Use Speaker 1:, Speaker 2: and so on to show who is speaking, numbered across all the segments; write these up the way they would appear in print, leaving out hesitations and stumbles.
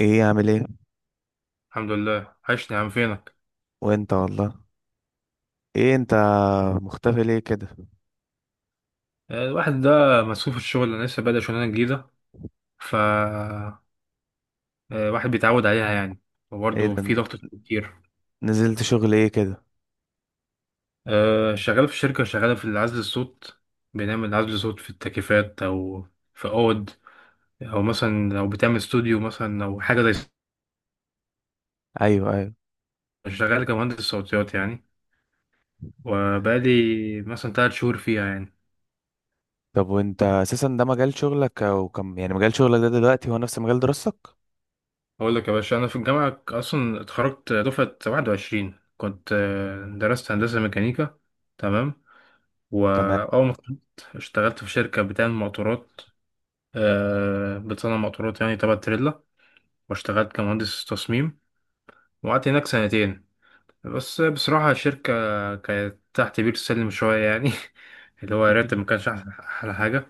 Speaker 1: ايه عامل ايه؟
Speaker 2: الحمد لله، عشني يا عم. فينك؟
Speaker 1: وانت والله. ايه انت مختفي ليه كده؟
Speaker 2: الواحد ده مسؤول في الشغل. انا لسه بادئ شغلانه جديده. ف آه، الواحد بيتعود عليها يعني،
Speaker 1: ايه
Speaker 2: وبرضه
Speaker 1: ده،
Speaker 2: في ضغط كتير.
Speaker 1: نزلت شغل ايه كده؟
Speaker 2: شغال في شركه شغاله في عزل الصوت. بنعمل عزل صوت في التكييفات، او في اوض، او مثلا لو بتعمل استوديو مثلا او حاجه زي.
Speaker 1: ايوه، ايوه.
Speaker 2: شغال كمهندس صوتيات يعني، وبقالي مثلا 3 شهور فيها يعني.
Speaker 1: طب وانت اساسا ده مجال شغلك او كم يعني مجال شغلك ده دلوقتي هو نفس مجال دراستك؟
Speaker 2: اقول لك يا باشا، انا في الجامعه اصلا اتخرجت دفعه 21. كنت درست هندسه ميكانيكا. تمام.
Speaker 1: تمام.
Speaker 2: وأول ما اتخرجت اشتغلت في شركة بتعمل موتورات. بتصنع موتورات يعني، تبع تريلا. واشتغلت كمهندس تصميم، وقعدت هناك سنتين. بس بصراحة الشركة كانت تحت بير السلم شوية يعني. اللي هو الراتب ما كانش أحلى حاجة.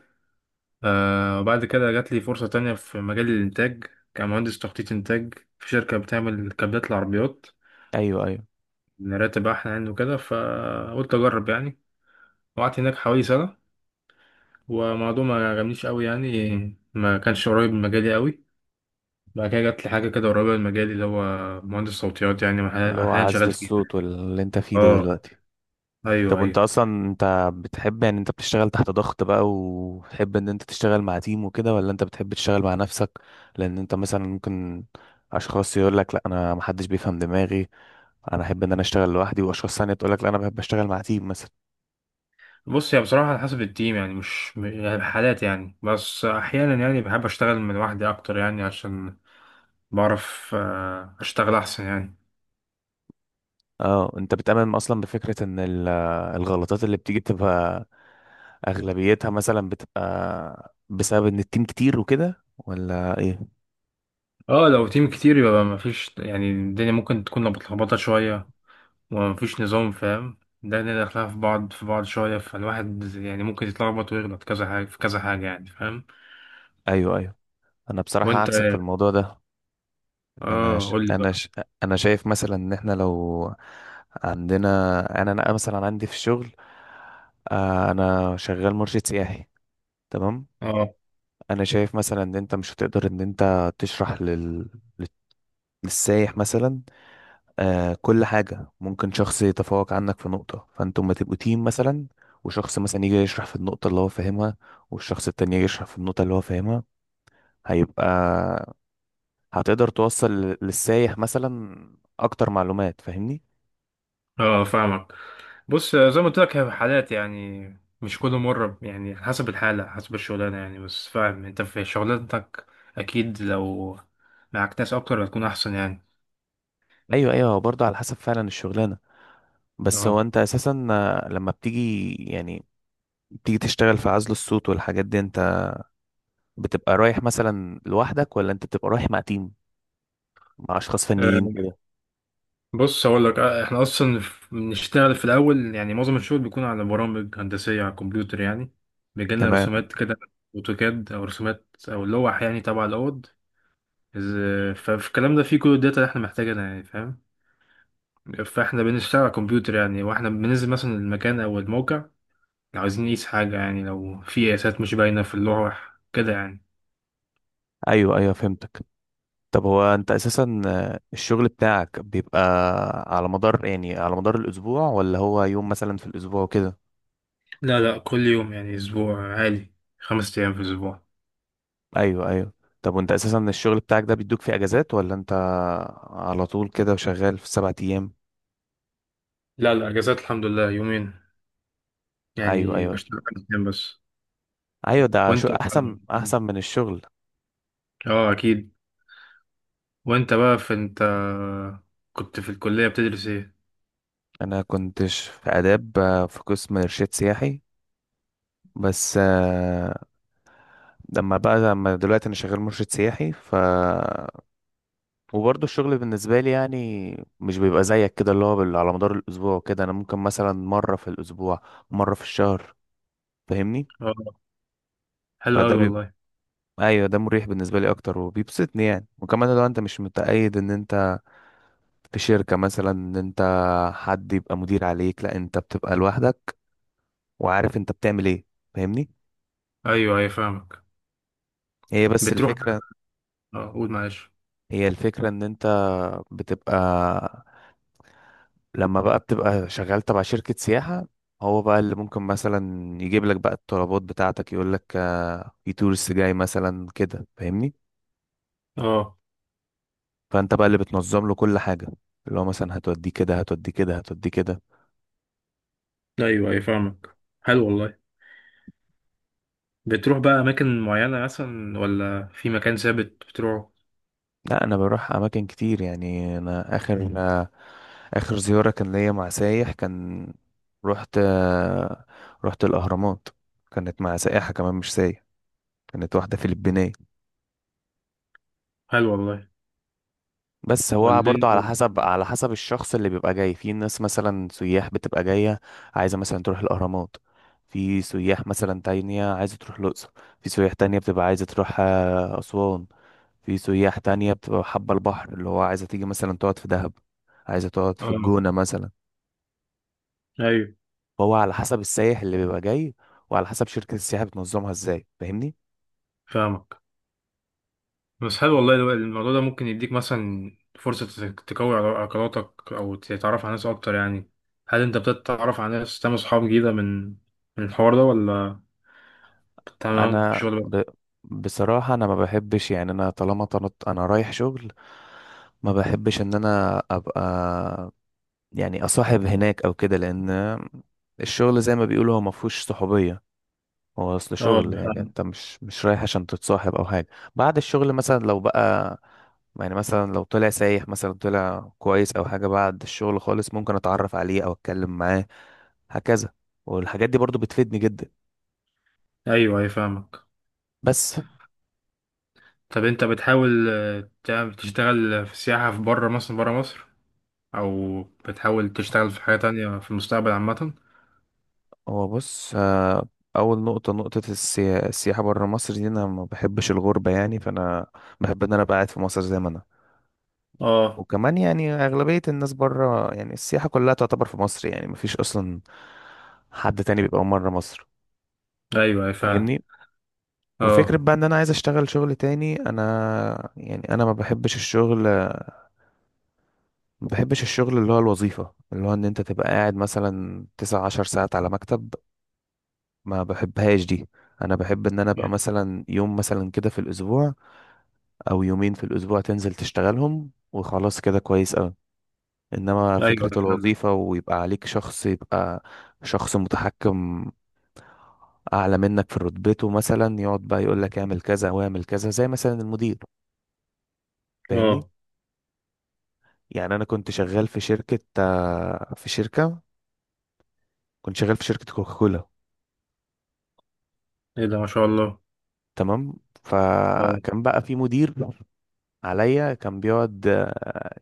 Speaker 2: وبعد كده جات لي فرصة تانية في مجال الإنتاج، كمهندس تخطيط إنتاج، في شركة بتعمل كابلات العربيات.
Speaker 1: ايوه، ايوه،
Speaker 2: الراتب أحلى يعني وكده، فقلت أجرب يعني. وقعدت هناك حوالي سنة. هو موضوع ما عجبنيش قوي يعني، ما كانش قريب من مجالي قوي. بعد كده جات لي حاجه كده قريبه من مجالي، اللي هو مهندس صوتيات يعني.
Speaker 1: اللي هو
Speaker 2: احيانا
Speaker 1: عزل
Speaker 2: شغال فيه.
Speaker 1: الصوت واللي انت فيه ده
Speaker 2: اه.
Speaker 1: دلوقتي.
Speaker 2: ايوه،
Speaker 1: طب وانت
Speaker 2: ايوه.
Speaker 1: اصلا انت بتحب يعني انت بتشتغل تحت ضغط بقى وتحب ان انت تشتغل مع تيم وكده ولا انت بتحب تشتغل مع نفسك؟ لان انت مثلا ممكن اشخاص يقول لك لا انا محدش بيفهم دماغي، انا احب ان انا اشتغل لوحدي، واشخاص ثانيه تقول لك لا انا بحب اشتغل مع تيم مثلا.
Speaker 2: بص، هي بصراحه على حسب التيم يعني، مش يعني حالات يعني، بس احيانا يعني بحب اشتغل من لوحدي اكتر يعني، عشان بعرف اشتغل احسن يعني.
Speaker 1: اه انت بتامن اصلا بفكره ان الغلطات اللي بتيجي بتبقى اغلبيتها مثلا بتبقى بسبب ان التيم كتير وكده ولا ايه؟
Speaker 2: اه، لو تيم كتير يبقى ما فيش يعني، الدنيا ممكن تكون متلخبطه شويه، ومفيش نظام فاهم. ده اللي داخلها في بعض في بعض شوية، فالواحد يعني ممكن يتلخبط ويغلط كذا حاجة في كذا حاجة يعني. فاهم.
Speaker 1: ايوه، ايوه. انا بصراحه
Speaker 2: وانت؟
Speaker 1: عكسك في الموضوع ده. انا
Speaker 2: اه،
Speaker 1: ش...
Speaker 2: قول لي
Speaker 1: انا
Speaker 2: بقى.
Speaker 1: ش... انا شايف مثلا ان احنا لو عندنا، انا مثلا عندي في الشغل، انا شغال مرشد سياحي، تمام.
Speaker 2: اه،
Speaker 1: انا شايف مثلا ان انت مش هتقدر ان انت تشرح السايح مثلا آه كل حاجة، ممكن شخص يتفوق عنك في نقطة فانتوا ما تبقوا تيم مثلا، وشخص مثلا يجي يشرح في النقطة اللي هو فاهمها، والشخص التاني يجي يشرح في النقطة اللي هو فاهمها، هيبقى هتقدر توصل للسايح مثلا أكتر معلومات، فاهمني؟
Speaker 2: اه، فاهمك. بص زي ما قلت لك، هي حالات يعني، مش كل مرة يعني، حسب الحالة حسب الشغلانة يعني. بس فاهم، انت في شغلانتك اكيد لو معاك ناس اكتر هتكون احسن يعني.
Speaker 1: أيوه، أيوه، هو برضه على حسب فعلا الشغلانة. بس هو أنت أساسا لما بتيجي يعني بتيجي تشتغل في عزل الصوت والحاجات دي، أنت بتبقى رايح مثلا لوحدك ولا أنت بتبقى رايح مع تيم، مع أشخاص فنيين
Speaker 2: اه.
Speaker 1: كده؟
Speaker 2: بص هقول لك، احنا اصلا بنشتغل في الاول يعني. معظم الشغل بيكون على برامج هندسيه على الكمبيوتر يعني. بيجيلنا
Speaker 1: تمام.
Speaker 2: رسومات كده، اوتوكاد او رسومات او لوح، يعني تبع الاوض. ففي الكلام ده فيه كل الداتا اللي احنا محتاجينها يعني. فاهم. فاحنا بنشتغل على الكمبيوتر يعني، واحنا بننزل مثلا المكان او الموقع لو عايزين نقيس حاجه يعني، لو في قياسات مش باينه في اللوح كده يعني.
Speaker 1: ايوه، ايوه، فهمتك. طب هو انت اساسا الشغل بتاعك بيبقى على مدار يعني على مدار الاسبوع ولا هو يوم مثلا في الاسبوع وكده؟
Speaker 2: لا، لا، كل يوم يعني، اسبوع عالي، 5 ايام في الاسبوع.
Speaker 1: ايوه، ايوه. طب وانت اساسا الشغل بتاعك ده بيدوك فيه اجازات ولا انت على طول كده وشغال في سبعة ايام؟
Speaker 2: لا، لا، اجازات الحمد لله يومين.
Speaker 1: ايوه،
Speaker 2: يعني
Speaker 1: ايوه.
Speaker 2: بشتغل 5 ايام بس.
Speaker 1: ايوه ده
Speaker 2: وانت؟
Speaker 1: شو احسن، احسن من الشغل.
Speaker 2: اه اكيد. وانت بقى في، انت كنت في الكلية بتدرس ايه؟
Speaker 1: انا كنتش في اداب، في قسم ارشاد سياحي، بس لما بقى لما دلوقتي انا شغال مرشد سياحي ف وبرضه الشغل بالنسبة لي يعني مش بيبقى زيك كده اللي هو على مدار الأسبوع وكده، أنا ممكن مثلا مرة في الأسبوع، مرة في الشهر، فاهمني.
Speaker 2: اه، حلو
Speaker 1: فده
Speaker 2: اوي
Speaker 1: بيبقى
Speaker 2: والله.
Speaker 1: أيوة ده مريح بالنسبة لي أكتر وبيبسطني يعني، وكمان لو أنت مش متقيد إن أنت في شركة مثلا، إن أنت حد يبقى مدير عليك، لأ أنت بتبقى لوحدك وعارف أنت بتعمل إيه، فاهمني.
Speaker 2: ايوه، ايوه، فاهمك.
Speaker 1: هي بس
Speaker 2: بتروح.
Speaker 1: الفكرة.
Speaker 2: اه، قول معلش.
Speaker 1: هي الفكرة إن أنت بتبقى لما بقى بتبقى شغال تبع شركة سياحة، هو بقى اللي ممكن مثلا يجيب لك بقى الطلبات بتاعتك، يقول لك في تورست جاي مثلا كده، فاهمني.
Speaker 2: اه،
Speaker 1: فانت بقى اللي بتنظم له كل حاجة، اللي هو مثلا هتوديه كده، هتوديه كده، هتوديه كده.
Speaker 2: ايوه، ايوه، فاهمك. حلو والله. بتروح بقى اماكن معينة مثلا، ولا في مكان ثابت بتروحه؟
Speaker 1: لا انا بروح اماكن كتير يعني، انا اخر اخر زيارة كان ليا مع سايح، كان رحت رحت الاهرامات، كانت مع سائحة كمان مش سايح، كانت واحدة فلبينية.
Speaker 2: حلو والله.
Speaker 1: بس هو برضه على
Speaker 2: والدنيا.
Speaker 1: حسب، على حسب الشخص اللي بيبقى جاي، في ناس مثلا سياح بتبقى جاية عايزة مثلا تروح الأهرامات، في سياح مثلا تانية عايزة تروح الأقصر، في سياح تانية بتبقى عايزة تروح أسوان، في سياح تانية بتبقى حابة البحر اللي هو عايزة تيجي مثلا تقعد في دهب، عايزة تقعد في
Speaker 2: اه،
Speaker 1: الجونة مثلا.
Speaker 2: ايوه،
Speaker 1: هو على حسب السائح اللي بيبقى جاي، وعلى حسب شركة السياحة بتنظمها ازاي، فاهمني.
Speaker 2: فاهمك. بس حلو والله. الموضوع ده ممكن يديك مثلا فرصة تقوي علاقاتك، أو تتعرف على ناس أكتر يعني. هل أنت بتتعرف على ناس تعمل صحاب جديدة من الحوار ده، ولا تمام في
Speaker 1: انا
Speaker 2: الشغل
Speaker 1: ب...
Speaker 2: بس؟
Speaker 1: بصراحة انا ما بحبش يعني، انا طالما طلعت انا رايح شغل، ما بحبش ان انا ابقى يعني اصاحب هناك او كده، لان الشغل زي ما بيقولوا هو ما فيهوش صحوبية، هو اصل
Speaker 2: اه،
Speaker 1: شغل
Speaker 2: أنا
Speaker 1: يعني
Speaker 2: فاهم.
Speaker 1: انت مش رايح عشان تتصاحب او حاجة. بعد الشغل مثلا لو بقى يعني مثلا لو طلع سايح مثلا طلع كويس او حاجة، بعد الشغل خالص ممكن اتعرف عليه او اتكلم معاه هكذا، والحاجات دي برضو بتفيدني جدا.
Speaker 2: أيوه، أيوه، فاهمك.
Speaker 1: بس
Speaker 2: طب أنت بتحاول تعمل تشتغل في السياحة في بره مثلا، بره مصر؟ أو بتحاول تشتغل في حاجة تانية في المستقبل عامة؟
Speaker 1: هو بص، اول نقطه، نقطه السياحه بره مصر دي، انا ما بحبش الغربه يعني فانا بحب ان انا ابقى قاعد في مصر زي ما انا.
Speaker 2: اه.
Speaker 1: وكمان يعني اغلبيه الناس بره يعني، السياحه كلها تعتبر في مصر يعني، ما فيش اصلا حد تاني بيبقى بره مصر،
Speaker 2: أيوه، أيوه، فعلا.
Speaker 1: فاهمني. وفكره
Speaker 2: اه.
Speaker 1: بقى ان انا عايز اشتغل شغل تاني، انا يعني انا ما بحبش الشغل، ما بحبش الشغل اللي هو الوظيفه، اللي هو ان انت تبقى قاعد مثلا 9 10 ساعات على مكتب، ما بحبهاش دي. انا بحب ان انا ابقى مثلا يوم مثلا كده في الاسبوع او يومين في الاسبوع تنزل تشتغلهم وخلاص كده كويس قوي، انما
Speaker 2: أيوه، أيوة،
Speaker 1: فكرة
Speaker 2: فعلا.
Speaker 1: الوظيفة ويبقى عليك شخص، يبقى شخص متحكم اعلى منك في رتبته مثلا يقعد بقى يقول لك اعمل كذا واعمل كذا زي مثلا المدير، فاهمني.
Speaker 2: اه.
Speaker 1: يعني انا كنت شغال في شركة كنت شغال في شركة كوكاكولا،
Speaker 2: إيه ده، ما شاء الله.
Speaker 1: تمام.
Speaker 2: اه.
Speaker 1: فكان بقى في مدير عليا، كان بيقعد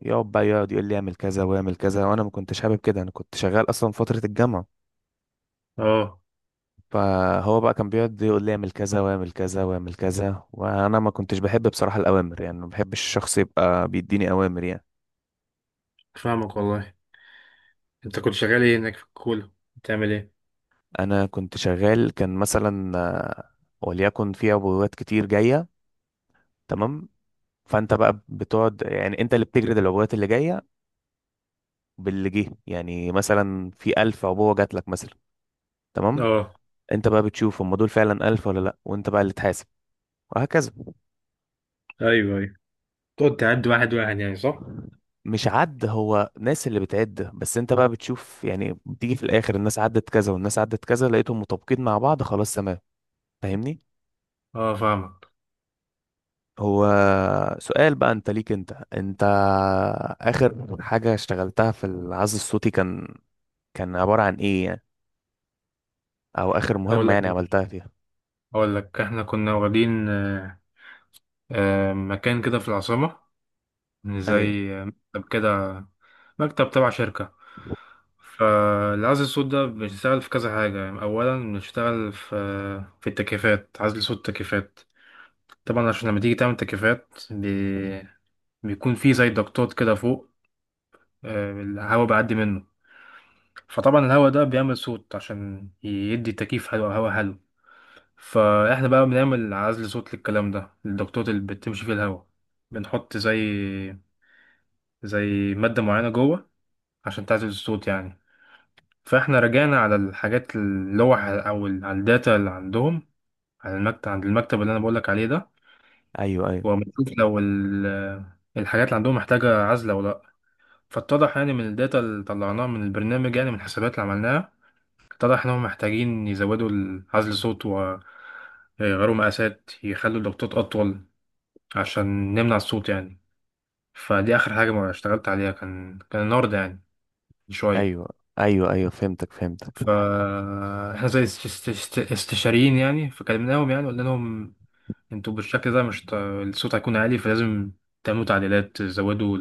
Speaker 1: يقعد يقول لي اعمل كذا واعمل كذا، وانا ما كنتش حابب كده، انا كنت شغال اصلا فترة الجامعة.
Speaker 2: اه
Speaker 1: فهو بقى كان بيقعد يقول لي اعمل كذا واعمل كذا واعمل كذا، وانا ما كنتش بحب بصراحة الاوامر يعني، ما بحبش الشخص يبقى بيديني اوامر يعني.
Speaker 2: فاهمك والله. انت كنت شغال ايه هناك في الكولا؟ بتعمل ايه؟
Speaker 1: انا كنت شغال كان مثلا وليكن في عبوات كتير جاية، تمام، فانت بقى بتقعد يعني انت اللي بتجرد العبوات اللي جاية باللي جه يعني، مثلا في ألف عبوة جات لك مثلا، تمام،
Speaker 2: اه.
Speaker 1: انت بقى بتشوف هم دول فعلا ألف ولا لا، وانت بقى اللي تحاسب، وهكذا.
Speaker 2: ايوه، ايوه، تقعد تعد واحد واحد يعني، صح؟
Speaker 1: مش عد، هو ناس اللي بتعد، بس انت بقى بتشوف يعني، بتيجي في الاخر الناس عدت كذا والناس عدت كذا، لقيتهم مطابقين مع بعض، خلاص تمام، فاهمني.
Speaker 2: اه فاهمك.
Speaker 1: هو سؤال بقى انت ليك، انت اخر حاجة اشتغلتها في العزل الصوتي كان، كان عبارة عن ايه يعني، او اخر
Speaker 2: هقول
Speaker 1: مهمة
Speaker 2: لك
Speaker 1: يعني عملتها فيها؟
Speaker 2: هقول لك احنا كنا واخدين مكان كده في العاصمة،
Speaker 1: ايوه،
Speaker 2: زي مكتب كده. مكتب تبع شركة. فالعزل الصوت ده بنشتغل في كذا حاجة يعني. أولا بنشتغل في التكييفات، عزل صوت التكييفات. طبعا عشان لما تيجي تعمل تكييفات بيكون في زي ضغطات كده فوق. الهواء بيعدي منه. فطبعا الهوا ده بيعمل صوت، عشان يدي تكييف هوا هوا حلو. فاحنا بقى بنعمل عزل صوت للكلام ده، للدكتور اللي بتمشي فيه الهوا. بنحط زي مادة معينة جوه، عشان تعزل الصوت يعني. فاحنا رجعنا على الحاجات، اللوح، او على الداتا اللي عندهم، على المكتب، عند المكتب اللي انا بقولك عليه ده.
Speaker 1: ايوه، ايوه،
Speaker 2: وبنشوف لو الحاجات اللي عندهم محتاجة عزل او لا. فاتضح يعني من الداتا اللي طلعناها من البرنامج، يعني من الحسابات اللي عملناها، اتضح إنهم محتاجين يزودوا عزل صوت، ويغيروا مقاسات، يخلوا الضغطات أطول عشان نمنع الصوت يعني. فدي آخر حاجة ما اشتغلت عليها، كان النهاردة يعني، من شوية.
Speaker 1: ايوه، ايوه، ايوه، فهمتك، فهمتك.
Speaker 2: فاحنا زي استشاريين يعني، فكلمناهم يعني، قلنا لهم انتوا بالشكل ده مش الصوت هيكون عالي، فلازم تعملوا تعديلات، تزودوا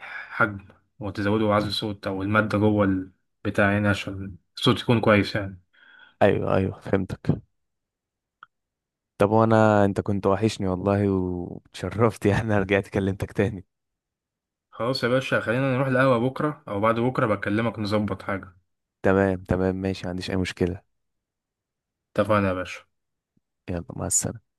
Speaker 2: الحجم، وتزودوا عزل الصوت أو المادة جوه البتاع يعني، عشان الصوت يكون كويس يعني.
Speaker 1: ايوه، ايوه، فهمتك. طب وانا انت كنت وحشني والله وتشرفت يعني، أنا رجعت كلمتك تاني.
Speaker 2: خلاص يا باشا، خلينا نروح القهوة بكرة أو بعد بكرة، بكلمك نظبط حاجة.
Speaker 1: تمام، تمام، ماشي، ما عنديش أي مشكلة.
Speaker 2: اتفقنا يا باشا.
Speaker 1: يلا مع السلامة.